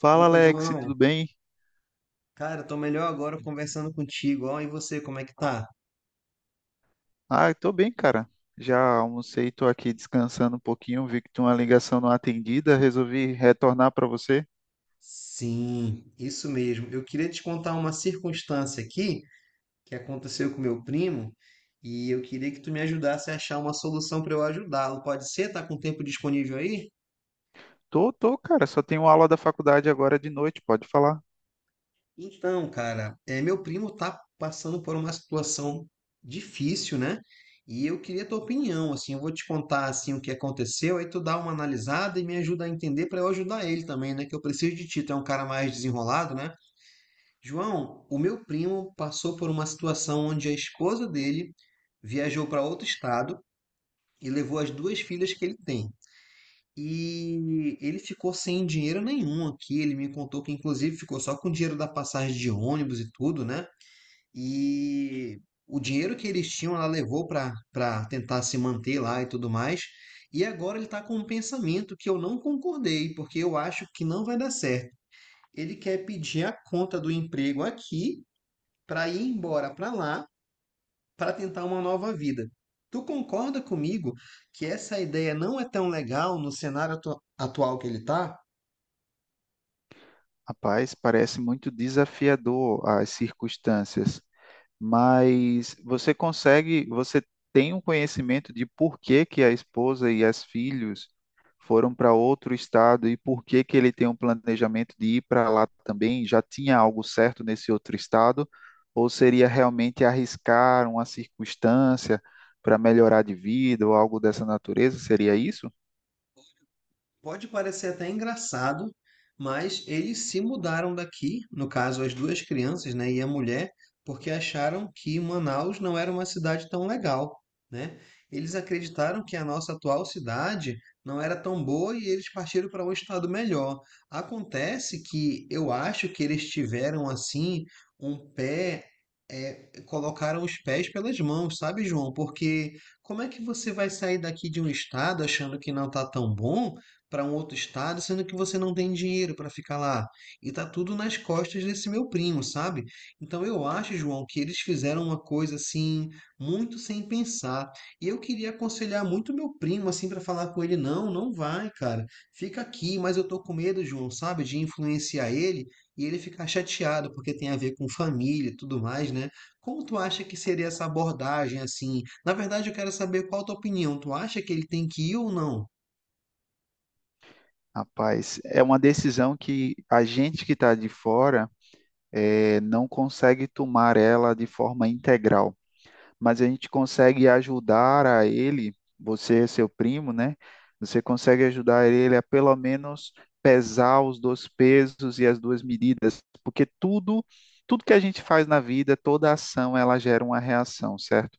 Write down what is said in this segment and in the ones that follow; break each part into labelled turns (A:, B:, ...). A: Fala
B: Opa,
A: Alex,
B: João.
A: tudo bem?
B: Cara, tô melhor agora conversando contigo. Ó, e você, como é que tá?
A: Ah, eu tô bem, cara. Já almocei, tô aqui descansando um pouquinho, vi que tinha uma ligação não atendida, resolvi retornar para você.
B: Sim, isso mesmo. Eu queria te contar uma circunstância aqui que aconteceu com meu primo e eu queria que tu me ajudasse a achar uma solução para eu ajudá-lo. Pode ser? Tá com tempo disponível aí?
A: Tô, cara, só tenho aula da faculdade agora de noite, pode falar.
B: Então, cara, meu primo tá passando por uma situação difícil, né? E eu queria tua opinião, assim, eu vou te contar assim o que aconteceu, aí tu dá uma analisada e me ajuda a entender para eu ajudar ele também, né? Que eu preciso de ti, tu é um cara mais desenrolado, né? João, o meu primo passou por uma situação onde a esposa dele viajou para outro estado e levou as duas filhas que ele tem. E ele ficou sem dinheiro nenhum aqui. Ele me contou que, inclusive, ficou só com o dinheiro da passagem de ônibus e tudo, né? E o dinheiro que eles tinham, ela levou para tentar se manter lá e tudo mais. E agora ele está com um pensamento que eu não concordei, porque eu acho que não vai dar certo. Ele quer pedir a conta do emprego aqui para ir embora para lá para tentar uma nova vida. Tu concorda comigo que essa ideia não é tão legal no cenário atual que ele está?
A: Rapaz, parece muito desafiador as circunstâncias. Mas você consegue, você tem um conhecimento de por que que a esposa e as filhos foram para outro estado e por que que ele tem um planejamento de ir para lá também? Já tinha algo certo nesse outro estado? Ou seria realmente arriscar uma circunstância para melhorar de vida ou algo dessa natureza? Seria isso?
B: Pode parecer até engraçado, mas eles se mudaram daqui, no caso as duas crianças, né, e a mulher, porque acharam que Manaus não era uma cidade tão legal, né? Eles acreditaram que a nossa atual cidade não era tão boa e eles partiram para um estado melhor. Acontece que eu acho que eles tiveram assim um pé colocaram os pés pelas mãos, sabe, João? Porque como é que você vai sair daqui de um estado achando que não está tão bom para um outro estado, sendo que você não tem dinheiro para ficar lá. E tá tudo nas costas desse meu primo, sabe? Então eu acho, João, que eles fizeram uma coisa assim, muito sem pensar. E eu queria aconselhar muito meu primo assim para falar com ele, não, não vai, cara. Fica aqui, mas eu tô com medo, João, sabe, de influenciar ele e ele ficar chateado porque tem a ver com família e tudo mais, né? Como tu acha que seria essa abordagem assim? Na verdade, eu quero saber qual a tua opinião. Tu acha que ele tem que ir ou não?
A: Rapaz, é uma decisão que a gente que está de fora não consegue tomar ela de forma integral. Mas a gente consegue ajudar a ele, você, seu primo, né? Você consegue ajudar ele a pelo menos pesar os dois pesos e as duas medidas, porque tudo que a gente faz na vida, toda ação, ela gera uma reação, certo?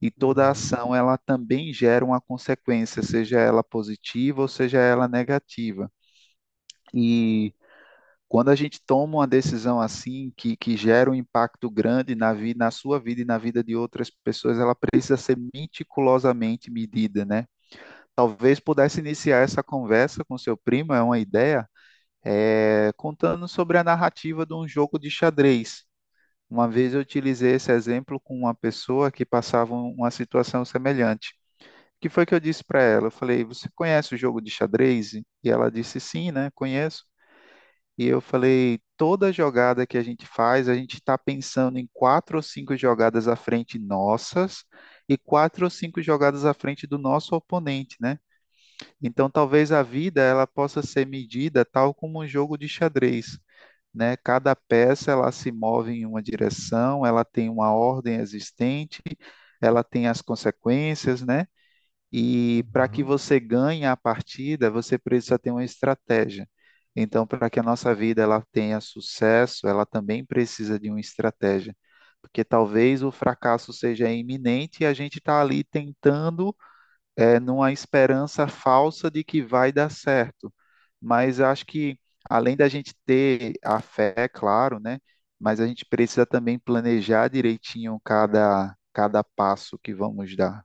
A: E toda
B: Aham.
A: ação, ela também gera uma consequência, seja ela positiva ou seja ela negativa. E quando a gente toma uma decisão assim, que gera um impacto grande na, na sua vida e na vida de outras pessoas, ela precisa ser meticulosamente medida, né? Talvez pudesse iniciar essa conversa com seu primo, é uma ideia, contando sobre a narrativa de um jogo de xadrez. Uma vez eu utilizei esse exemplo com uma pessoa que passava uma situação semelhante. O que foi que eu disse para ela? Eu falei, você conhece o jogo de xadrez? E ela disse, sim, né? Conheço. E eu falei, toda jogada que a gente faz, a gente está pensando em quatro ou cinco jogadas à frente nossas e quatro ou cinco jogadas à frente do nosso oponente, né? Então, talvez a vida ela possa ser medida tal como um jogo de xadrez, né? Cada peça ela se move em uma direção, ela tem uma ordem existente, ela tem as consequências, né? E para que
B: Aham.
A: você ganhe a partida, você precisa ter uma estratégia. Então, para que a nossa vida ela tenha sucesso, ela também precisa de uma estratégia, porque talvez o fracasso seja iminente e a gente está ali tentando, numa esperança falsa de que vai dar certo. Mas eu acho que além da gente ter a fé, é claro, né? Mas a gente precisa também planejar direitinho cada passo que vamos dar.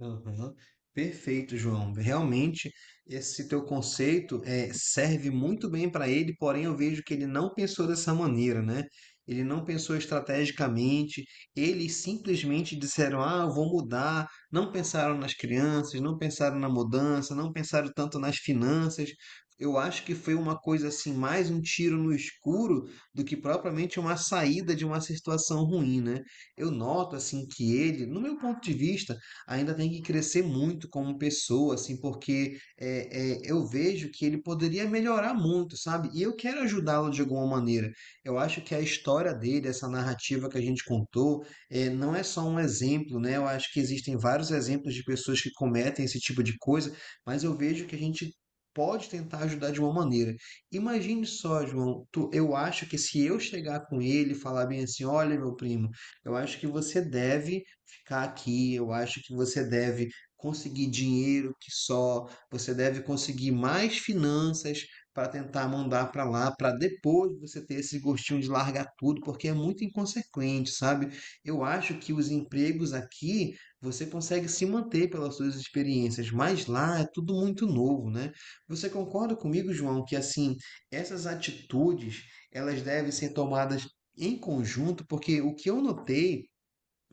B: Aham. Perfeito, João. Realmente, esse teu conceito serve muito bem para ele, porém eu vejo que ele não pensou dessa maneira, né? Ele não pensou estrategicamente, eles simplesmente disseram: Ah, eu vou mudar. Não pensaram nas crianças, não pensaram na mudança, não pensaram tanto nas finanças. Eu acho que foi uma coisa assim, mais um tiro no escuro do que propriamente uma saída de uma situação ruim, né? Eu noto assim que ele, no meu ponto de vista, ainda tem que crescer muito como pessoa, assim, porque eu vejo que ele poderia melhorar muito, sabe? E eu quero ajudá-lo de alguma maneira. Eu acho que a história dele, essa narrativa que a gente contou, não é só um exemplo, né? Eu acho que existem vários exemplos de pessoas que cometem esse tipo de coisa, mas eu vejo que a gente pode tentar ajudar de uma maneira. Imagine só, João, eu acho que se eu chegar com ele e falar bem assim, olha, meu primo, eu acho que você deve ficar aqui, eu acho que você deve conseguir dinheiro que só, você deve conseguir mais finanças para tentar mandar para lá, para depois você ter esse gostinho de largar tudo, porque é muito inconsequente, sabe? Eu acho que os empregos aqui você consegue se manter pelas suas experiências, mas lá é tudo muito novo, né? Você concorda comigo, João, que assim, essas atitudes, elas devem ser tomadas em conjunto, porque o que eu notei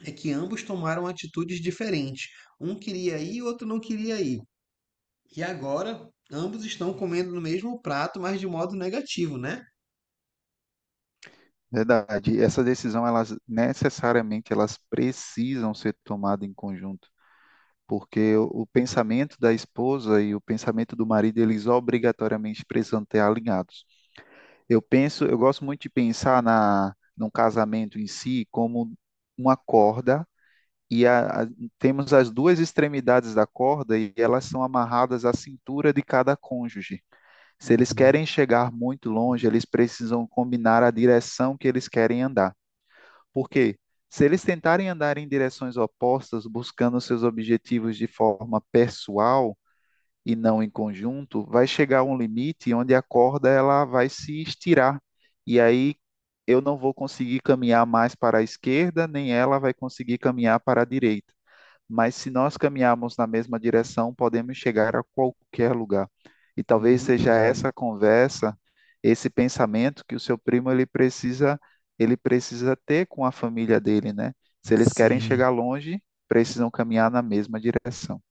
B: é que ambos tomaram atitudes diferentes. Um queria ir e o outro não queria ir. E agora, ambos estão comendo no mesmo prato, mas de modo negativo, né?
A: Verdade. Essa decisão, elas necessariamente elas precisam ser tomadas em conjunto, porque o pensamento da esposa e o pensamento do marido, eles obrigatoriamente precisam ter alinhados. Eu penso, eu gosto muito de pensar na no casamento em si como uma corda e temos as duas extremidades da corda e elas são amarradas à cintura de cada cônjuge. Se eles
B: Uhum.
A: querem chegar muito longe, eles precisam combinar a direção que eles querem andar. Porque se eles tentarem andar em direções opostas, buscando seus objetivos de forma pessoal e não em conjunto, vai chegar um limite onde a corda ela vai se estirar. E aí eu não vou conseguir caminhar mais para a esquerda, nem ela vai conseguir caminhar para a direita, mas se nós caminharmos na mesma direção, podemos chegar a qualquer lugar. E talvez
B: Muito
A: seja
B: bom.
A: essa conversa, esse pensamento que o seu primo ele precisa ter com a família dele, né? Se eles querem
B: Sim.
A: chegar longe, precisam caminhar na mesma direção.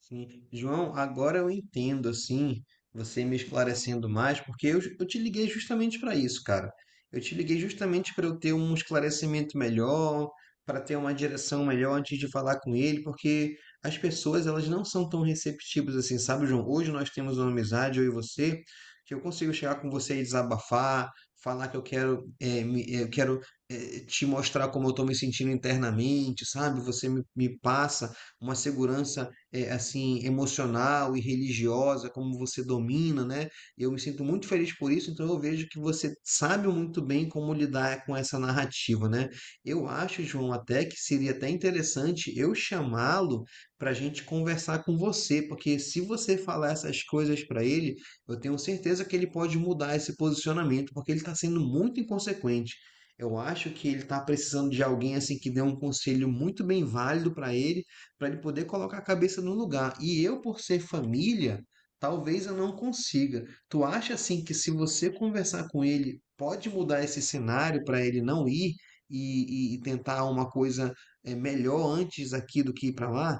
B: Sim. João, agora eu entendo, assim, você me esclarecendo mais, porque eu te liguei justamente para isso, cara. Eu te liguei justamente para eu ter um esclarecimento melhor, para ter uma direção melhor antes de falar com ele, porque as pessoas, elas não são tão receptivas assim, sabe, João? Hoje nós temos uma amizade, eu e você, que eu consigo chegar com você e desabafar, falar que eu quero, eu quero, te mostrar como eu estou me sentindo internamente, sabe? Você me passa uma segurança assim emocional e religiosa, como você domina, né? Eu me sinto muito feliz por isso, então eu vejo que você sabe muito bem como lidar com essa narrativa, né? Eu acho, João, até que seria até interessante eu chamá-lo para a gente conversar com você, porque se você falar essas coisas para ele, eu tenho certeza que ele pode mudar esse posicionamento, porque ele está sendo muito inconsequente. Eu acho que ele está precisando de alguém assim que dê um conselho muito bem válido para ele poder colocar a cabeça no lugar. E eu, por ser família, talvez eu não consiga. Tu acha assim que se você conversar com ele, pode mudar esse cenário para ele não ir e tentar uma coisa melhor antes aqui do que ir para lá?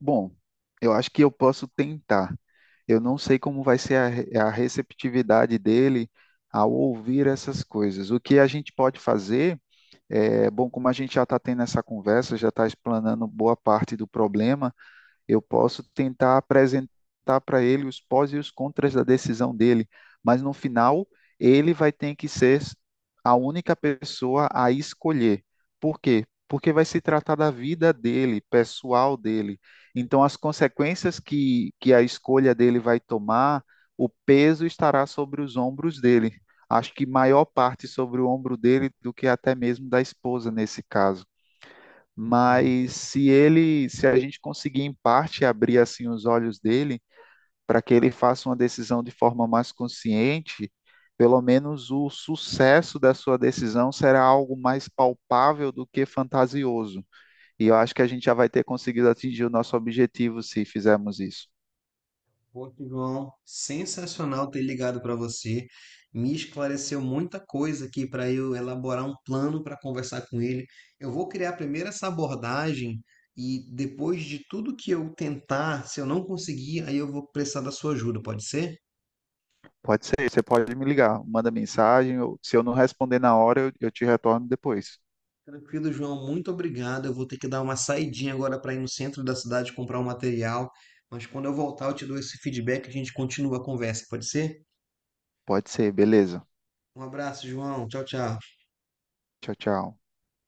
A: Bom, eu acho que eu posso tentar. Eu não sei como vai ser a receptividade dele ao ouvir essas coisas. O que a gente pode fazer? É, bom, como a gente já está tendo essa conversa, já está explanando boa parte do problema, eu posso tentar apresentar para ele os pós e os contras da decisão dele, mas no final ele vai ter que ser a única pessoa a escolher. Por quê? Porque vai se tratar da vida dele, pessoal dele. Então, as consequências que a escolha dele vai tomar, o peso estará sobre os ombros dele. Acho que maior parte sobre o ombro dele do que até mesmo da esposa nesse caso, mas se ele, se a gente conseguir em parte abrir assim os olhos dele para que ele faça uma decisão de forma mais consciente, pelo menos o sucesso da sua decisão será algo mais palpável do que fantasioso. E eu acho que a gente já vai ter conseguido atingir o nosso objetivo se fizermos isso.
B: Pô, João, sensacional ter ligado para você. Me esclareceu muita coisa aqui para eu elaborar um plano para conversar com ele. Eu vou criar primeiro essa abordagem e depois de tudo que eu tentar, se eu não conseguir, aí eu vou precisar da sua ajuda, pode ser?
A: Pode ser, você pode me ligar, manda mensagem, se eu não responder na hora, eu te retorno depois.
B: Tranquilo, João, muito obrigado. Eu vou ter que dar uma saidinha agora para ir no centro da cidade comprar um material, mas quando eu voltar eu te dou esse feedback e a gente continua a conversa, pode ser?
A: Pode ser, beleza.
B: Um abraço, João. Tchau, tchau.
A: Tchau, tchau.